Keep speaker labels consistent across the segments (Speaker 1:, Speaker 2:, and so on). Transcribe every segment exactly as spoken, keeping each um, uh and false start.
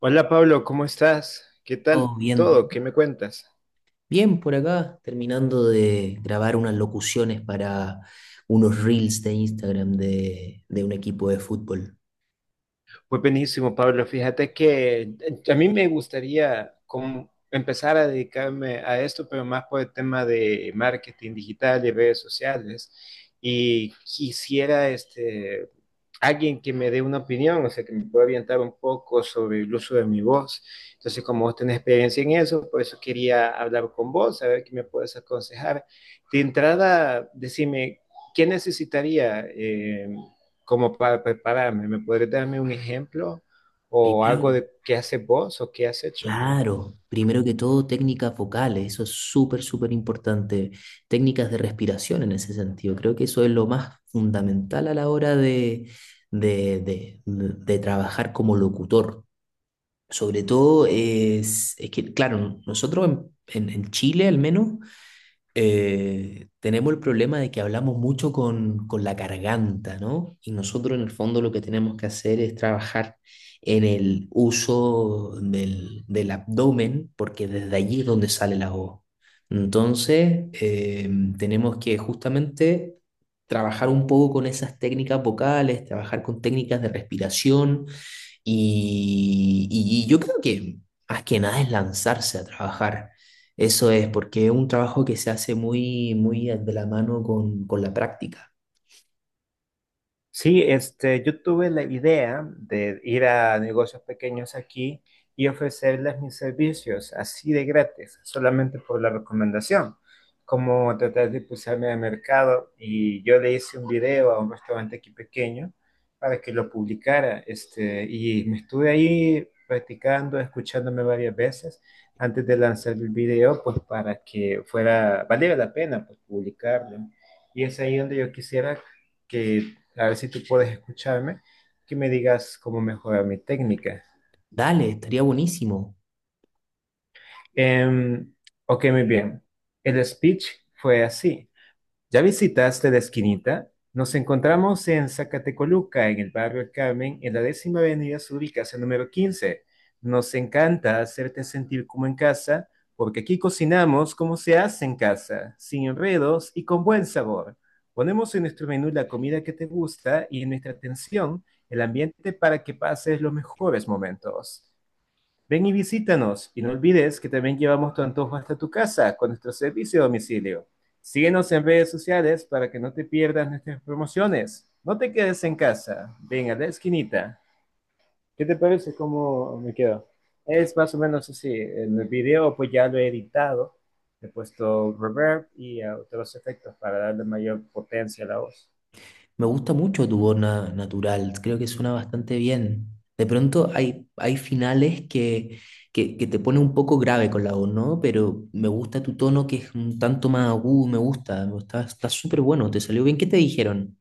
Speaker 1: Hola Pablo, ¿cómo estás? ¿Qué tal
Speaker 2: Todo bien,
Speaker 1: todo? ¿Qué me cuentas?
Speaker 2: bien por acá, terminando de grabar unas locuciones para unos reels de Instagram de, de un equipo de fútbol.
Speaker 1: Pues buenísimo, Pablo. Fíjate que eh, a mí me gustaría como empezar a dedicarme a esto, pero más por el tema de marketing digital y redes sociales. Y quisiera este, alguien que me dé una opinión, o sea, que me pueda orientar un poco sobre el uso de mi voz. Entonces, como vos tenés experiencia en eso, por eso quería hablar con vos, a ver qué me puedes aconsejar. De entrada, decime, ¿qué necesitaría eh, como para prepararme? ¿Me podrías darme un ejemplo o algo
Speaker 2: Primero,
Speaker 1: de qué haces vos o qué has hecho?
Speaker 2: claro, primero que todo, técnicas vocales, eso es súper, súper importante. Técnicas de respiración en ese sentido, creo que eso es lo más fundamental a la hora de, de, de- de trabajar como locutor. Sobre todo es, es que, claro, nosotros en en- en Chile al menos. Eh, tenemos el problema de que hablamos mucho con, con la garganta, ¿no? Y nosotros en el fondo lo que tenemos que hacer es trabajar en el uso del, del abdomen, porque desde allí es donde sale la voz. Entonces, eh, tenemos que justamente trabajar un poco con esas técnicas vocales, trabajar con técnicas de respiración y, y y yo creo que más que nada es lanzarse a trabajar. Eso es, porque es un trabajo que se hace muy, muy de la mano con, con la práctica.
Speaker 1: Sí, este, yo tuve la idea de ir a negocios pequeños aquí y ofrecerles mis servicios así de gratis, solamente por la recomendación, como tratar de impulsarme al mercado, y yo le hice un video a un restaurante aquí pequeño para que lo publicara, este, y me estuve ahí practicando, escuchándome varias veces antes de lanzar el video, pues para que fuera, valiera la pena pues, publicarlo. Y es ahí donde yo quisiera que a ver si tú puedes escucharme, que me digas cómo mejorar mi técnica.
Speaker 2: Dale, estaría buenísimo.
Speaker 1: Em, ok, muy bien. El speech fue así. ¿Ya visitaste la esquinita? Nos encontramos en Zacatecoluca, en el barrio El Carmen, en la décima avenida sur y casa número quince. Nos encanta hacerte sentir como en casa, porque aquí cocinamos como se hace en casa, sin enredos y con buen sabor. Ponemos en nuestro menú la comida que te gusta y en nuestra atención el ambiente para que pases los mejores momentos. Ven y visítanos y no olvides que también llevamos tu antojo hasta tu casa con nuestro servicio a domicilio. Síguenos en redes sociales para que no te pierdas nuestras promociones. No te quedes en casa, ven a la esquinita. ¿Qué te parece cómo me quedo? Es más o menos así. En el video pues ya lo he editado, he puesto reverb y eh, otros efectos para darle mayor potencia a la voz.
Speaker 2: Me gusta mucho tu voz na- natural, creo que suena bastante bien. De pronto hay, hay finales que, que, que te pone un poco grave con la voz, ¿no? Pero me gusta tu tono que es un tanto más agudo, me gusta, está, está súper bueno, te salió bien. ¿Qué te dijeron?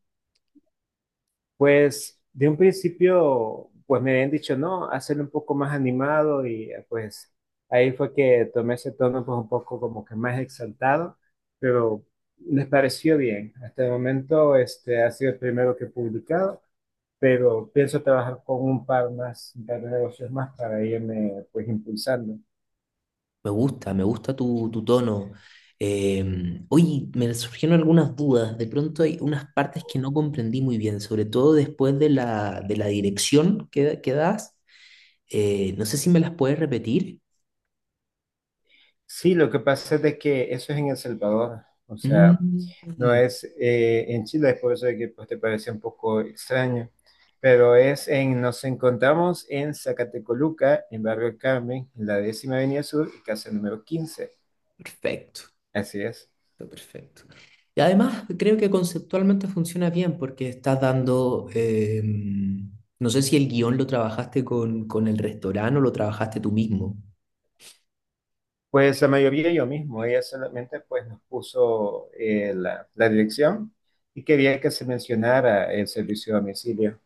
Speaker 1: Pues de un principio, pues me habían dicho, no, hacerlo un poco más animado y eh, pues ahí fue que tomé ese tono pues un poco como que más exaltado, pero les pareció bien. Hasta el momento este ha sido el primero que he publicado, pero pienso trabajar con un par más, un par de negocios más para irme pues impulsando.
Speaker 2: Me gusta, me gusta tu, tu tono. Eh, oye, me surgieron algunas dudas. De pronto hay unas partes que no comprendí muy bien, sobre todo después de la, de la dirección que, que das. Eh, no sé si me las puedes repetir.
Speaker 1: Sí, lo que pasa es de que eso es en El Salvador, o sea... No
Speaker 2: Mm,
Speaker 1: es eh, en Chile, es por eso de que pues, te parece un poco extraño, pero es en, nos encontramos en Zacatecoluca, en Barrio El Carmen, en la décima avenida sur y casa número quince,
Speaker 2: perfecto,
Speaker 1: así es.
Speaker 2: está perfecto. Y además creo que conceptualmente funciona bien porque estás dando, eh, no sé si el guión lo trabajaste con, con el restaurante o lo trabajaste tú mismo.
Speaker 1: Pues la mayoría yo mismo, ella solamente pues nos puso eh, la, la dirección y quería que se mencionara el servicio a domicilio.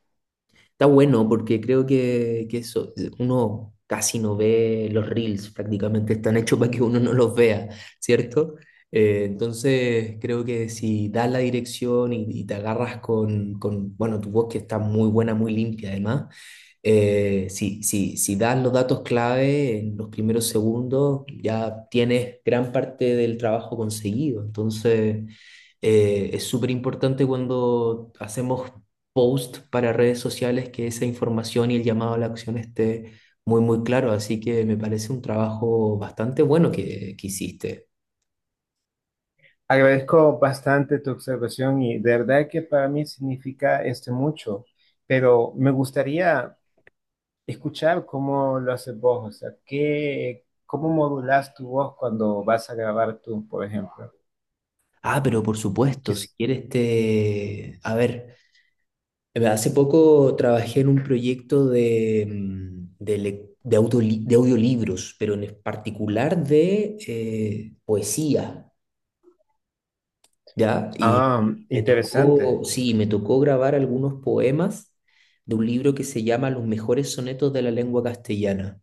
Speaker 2: Está bueno porque creo que, que eso, uno casi no ve los reels, prácticamente están hechos para que uno no los vea, ¿cierto? Eh, entonces creo que si das la dirección y, y te agarras con, con, bueno, tu voz que está muy buena, muy limpia además, eh, si, si, si das los datos clave en los primeros segundos, ya tienes gran parte del trabajo conseguido. Entonces, eh, es súper importante cuando hacemos post para redes sociales que esa información y el llamado a la acción esté muy, muy claro. Así que me parece un trabajo bastante bueno que, que hiciste.
Speaker 1: Agradezco bastante tu observación y de verdad que para mí significa este mucho, pero me gustaría escuchar cómo lo haces vos, o sea, qué, cómo modulás tu voz cuando vas a grabar tú, por ejemplo.
Speaker 2: Ah, pero por supuesto, si
Speaker 1: Quis-
Speaker 2: quieres te... A ver. Eh, Hace poco trabajé en un proyecto de, mm, de, lec- de autoli- de audiolibros, pero en particular de eh, poesía, ¿ya? Y
Speaker 1: Ah,
Speaker 2: y me tocó,
Speaker 1: interesante.
Speaker 2: sí, me tocó grabar algunos poemas de un libro que se llama Los mejores sonetos de la lengua castellana.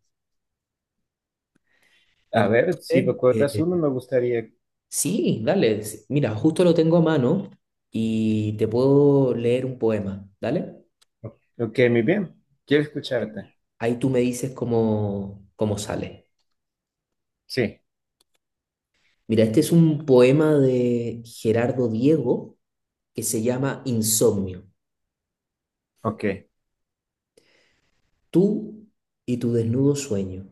Speaker 1: A ver, si
Speaker 2: Entonces,
Speaker 1: recuerdas
Speaker 2: eh,
Speaker 1: uno, me gustaría.
Speaker 2: sí, dale, s- mira, justo lo tengo a mano y te puedo leer un poema, ¿dale?
Speaker 1: Ok, muy bien. Quiero
Speaker 2: Ahí
Speaker 1: escucharte.
Speaker 2: ahí tú me dices cómo, cómo sale.
Speaker 1: Sí,
Speaker 2: Mira, este es un poema de Gerardo Diego que se llama Insomnio.
Speaker 1: ok.
Speaker 2: Tú y tu desnudo sueño.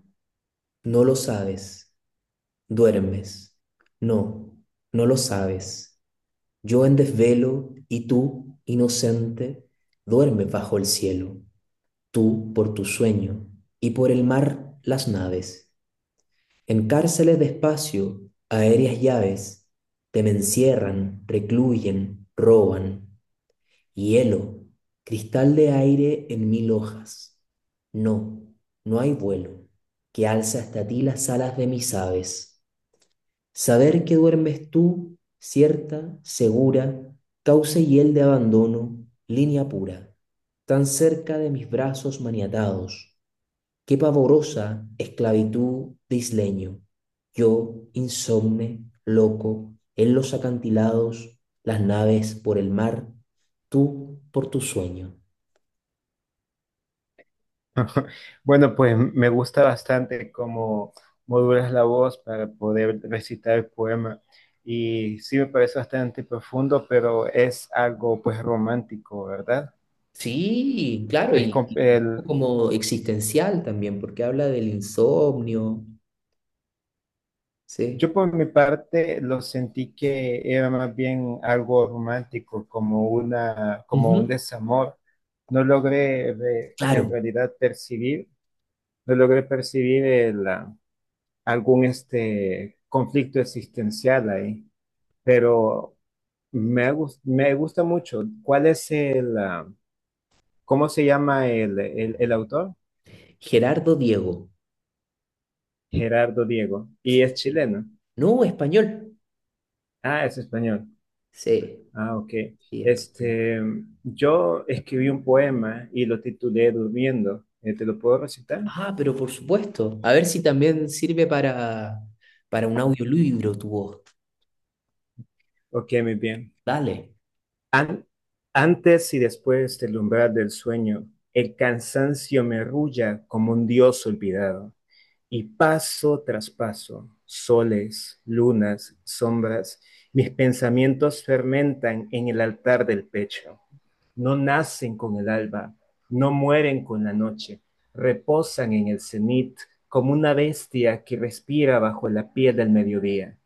Speaker 2: No lo sabes. Duermes. No, no lo sabes. Yo en desvelo y tú, inocente, duermes bajo el cielo. Tú por tu sueño y por el mar las naves. En cárceles de espacio, aéreas llaves, te me encierran, recluyen, roban. Hielo, cristal de aire en mil hojas. No, no hay vuelo que alza hasta ti las alas de mis aves. Saber que duermes tú, cierta, segura, cauce y hiel de abandono, línea pura, tan cerca de mis brazos maniatados. Qué pavorosa esclavitud de isleño. Yo, insomne, loco, en los acantilados, las naves por el mar, tú por tu sueño.
Speaker 1: Bueno, pues me gusta bastante cómo modulas la voz para poder recitar el poema. Y sí me parece bastante profundo, pero es algo pues romántico, ¿verdad?
Speaker 2: Sí, claro,
Speaker 1: Es,
Speaker 2: y,
Speaker 1: com-
Speaker 2: y un
Speaker 1: el
Speaker 2: poco como existencial también, porque habla del insomnio, sí.
Speaker 1: Yo por mi parte lo sentí que era más bien algo romántico, como una, como un
Speaker 2: Ujú,
Speaker 1: desamor. No logré re-
Speaker 2: claro,
Speaker 1: en realidad percibir, no logré percibir el, ah, algún este conflicto existencial ahí, pero me, gus- me gusta mucho. ¿Cuál es el, ah, cómo se llama el, el, el autor?
Speaker 2: Gerardo Diego.
Speaker 1: Gerardo Diego. Y es chileno.
Speaker 2: No, español.
Speaker 1: Ah, es español.
Speaker 2: Sí,
Speaker 1: Ah, ok.
Speaker 2: sí, español.
Speaker 1: Este, yo escribí un poema y lo titulé Durmiendo. Eh, ¿Te lo puedo recitar?
Speaker 2: Ah, pero por supuesto. A ver si también sirve para, para un audiolibro tu voz.
Speaker 1: Ok, muy bien.
Speaker 2: Dale,
Speaker 1: An- antes y después del umbral del sueño, el cansancio me rulla como un dios olvidado. Y paso tras paso, soles, lunas, sombras, mis pensamientos fermentan en el altar del pecho. No nacen con el alba, no mueren con la noche, reposan en el cenit como una bestia que respira bajo la piel del mediodía.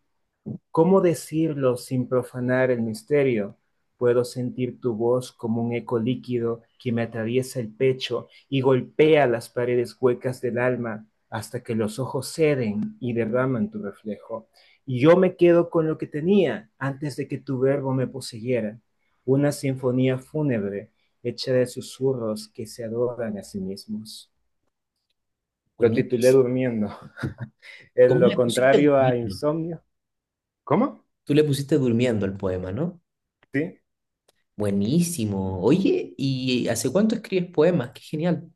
Speaker 1: ¿Cómo decirlo sin profanar el misterio? Puedo sentir tu voz como un eco líquido que me atraviesa el pecho y golpea las paredes huecas del alma hasta que los ojos ceden y derraman tu reflejo. Y yo me quedo con lo que tenía antes de que tu verbo me poseyera, una sinfonía fúnebre hecha de susurros que se adoran a sí mismos. Lo titulé
Speaker 2: buenísimo.
Speaker 1: durmiendo. en
Speaker 2: ¿Cómo
Speaker 1: lo
Speaker 2: le pusiste
Speaker 1: contrario a
Speaker 2: durmiendo?
Speaker 1: insomnio. ¿Cómo?
Speaker 2: Tú le pusiste durmiendo el poema, ¿no?
Speaker 1: Sí,
Speaker 2: Buenísimo. Oye, ¿y hace cuánto escribes poemas? Qué genial.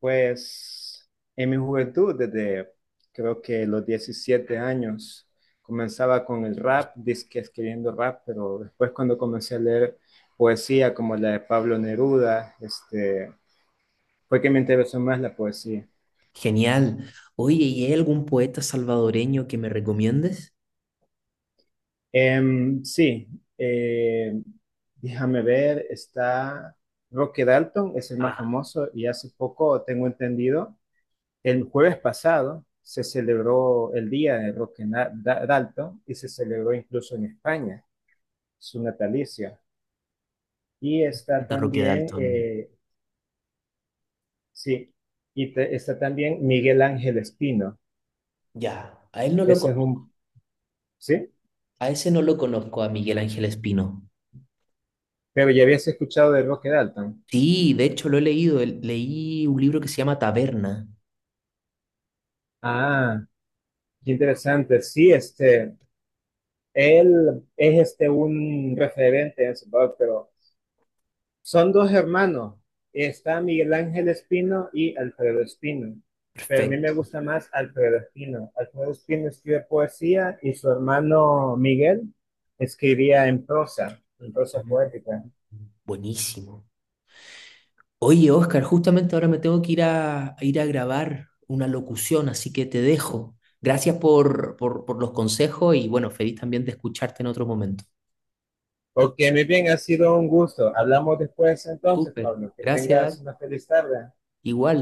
Speaker 1: pues en mi juventud, desde creo que los diecisiete años, comenzaba con el rap, disque escribiendo rap, pero después cuando comencé a leer poesía como la de Pablo Neruda, este, fue que me interesó más la poesía.
Speaker 2: Genial. Oye, ¿y hay algún poeta salvadoreño que me recomiendes?
Speaker 1: Em, sí, eh, déjame ver, está Roque Dalton, es el más
Speaker 2: Ah,
Speaker 1: famoso, y hace poco tengo entendido. El jueves pasado se celebró el día de Roque Dalton y se celebró incluso en España su natalicio. Y está
Speaker 2: de Roque
Speaker 1: también,
Speaker 2: Dalton.
Speaker 1: eh, sí, y te- está también Miguel Ángel Espino.
Speaker 2: Ya, a él no lo
Speaker 1: Ese es
Speaker 2: conozco,
Speaker 1: un, sí,
Speaker 2: a ese no lo conozco, a Miguel Ángel Espino.
Speaker 1: pero ya habías escuchado de Roque Dalton.
Speaker 2: Sí, de hecho lo he leído, el- leí un libro que se llama Taberna.
Speaker 1: Ah, qué interesante. Sí, este, él es este un referente en su pero son dos hermanos. Está Miguel Ángel Espino y Alfredo Espino. Pero a mí me
Speaker 2: Perfecto.
Speaker 1: gusta más Alfredo Espino. Alfredo Espino escribe poesía y su hermano Miguel escribía en prosa, en prosa
Speaker 2: Mm,
Speaker 1: poética.
Speaker 2: buenísimo. Oye, Oscar, justamente ahora me tengo que ir a, a ir a grabar una locución, así que te dejo. Gracias por, por, por los consejos y bueno, feliz también de escucharte en otro momento.
Speaker 1: Ok, muy bien, ha sido un gusto. Hablamos después entonces,
Speaker 2: Súper,
Speaker 1: Pablo. Que
Speaker 2: gracias.
Speaker 1: tengas una feliz tarde.
Speaker 2: Igual.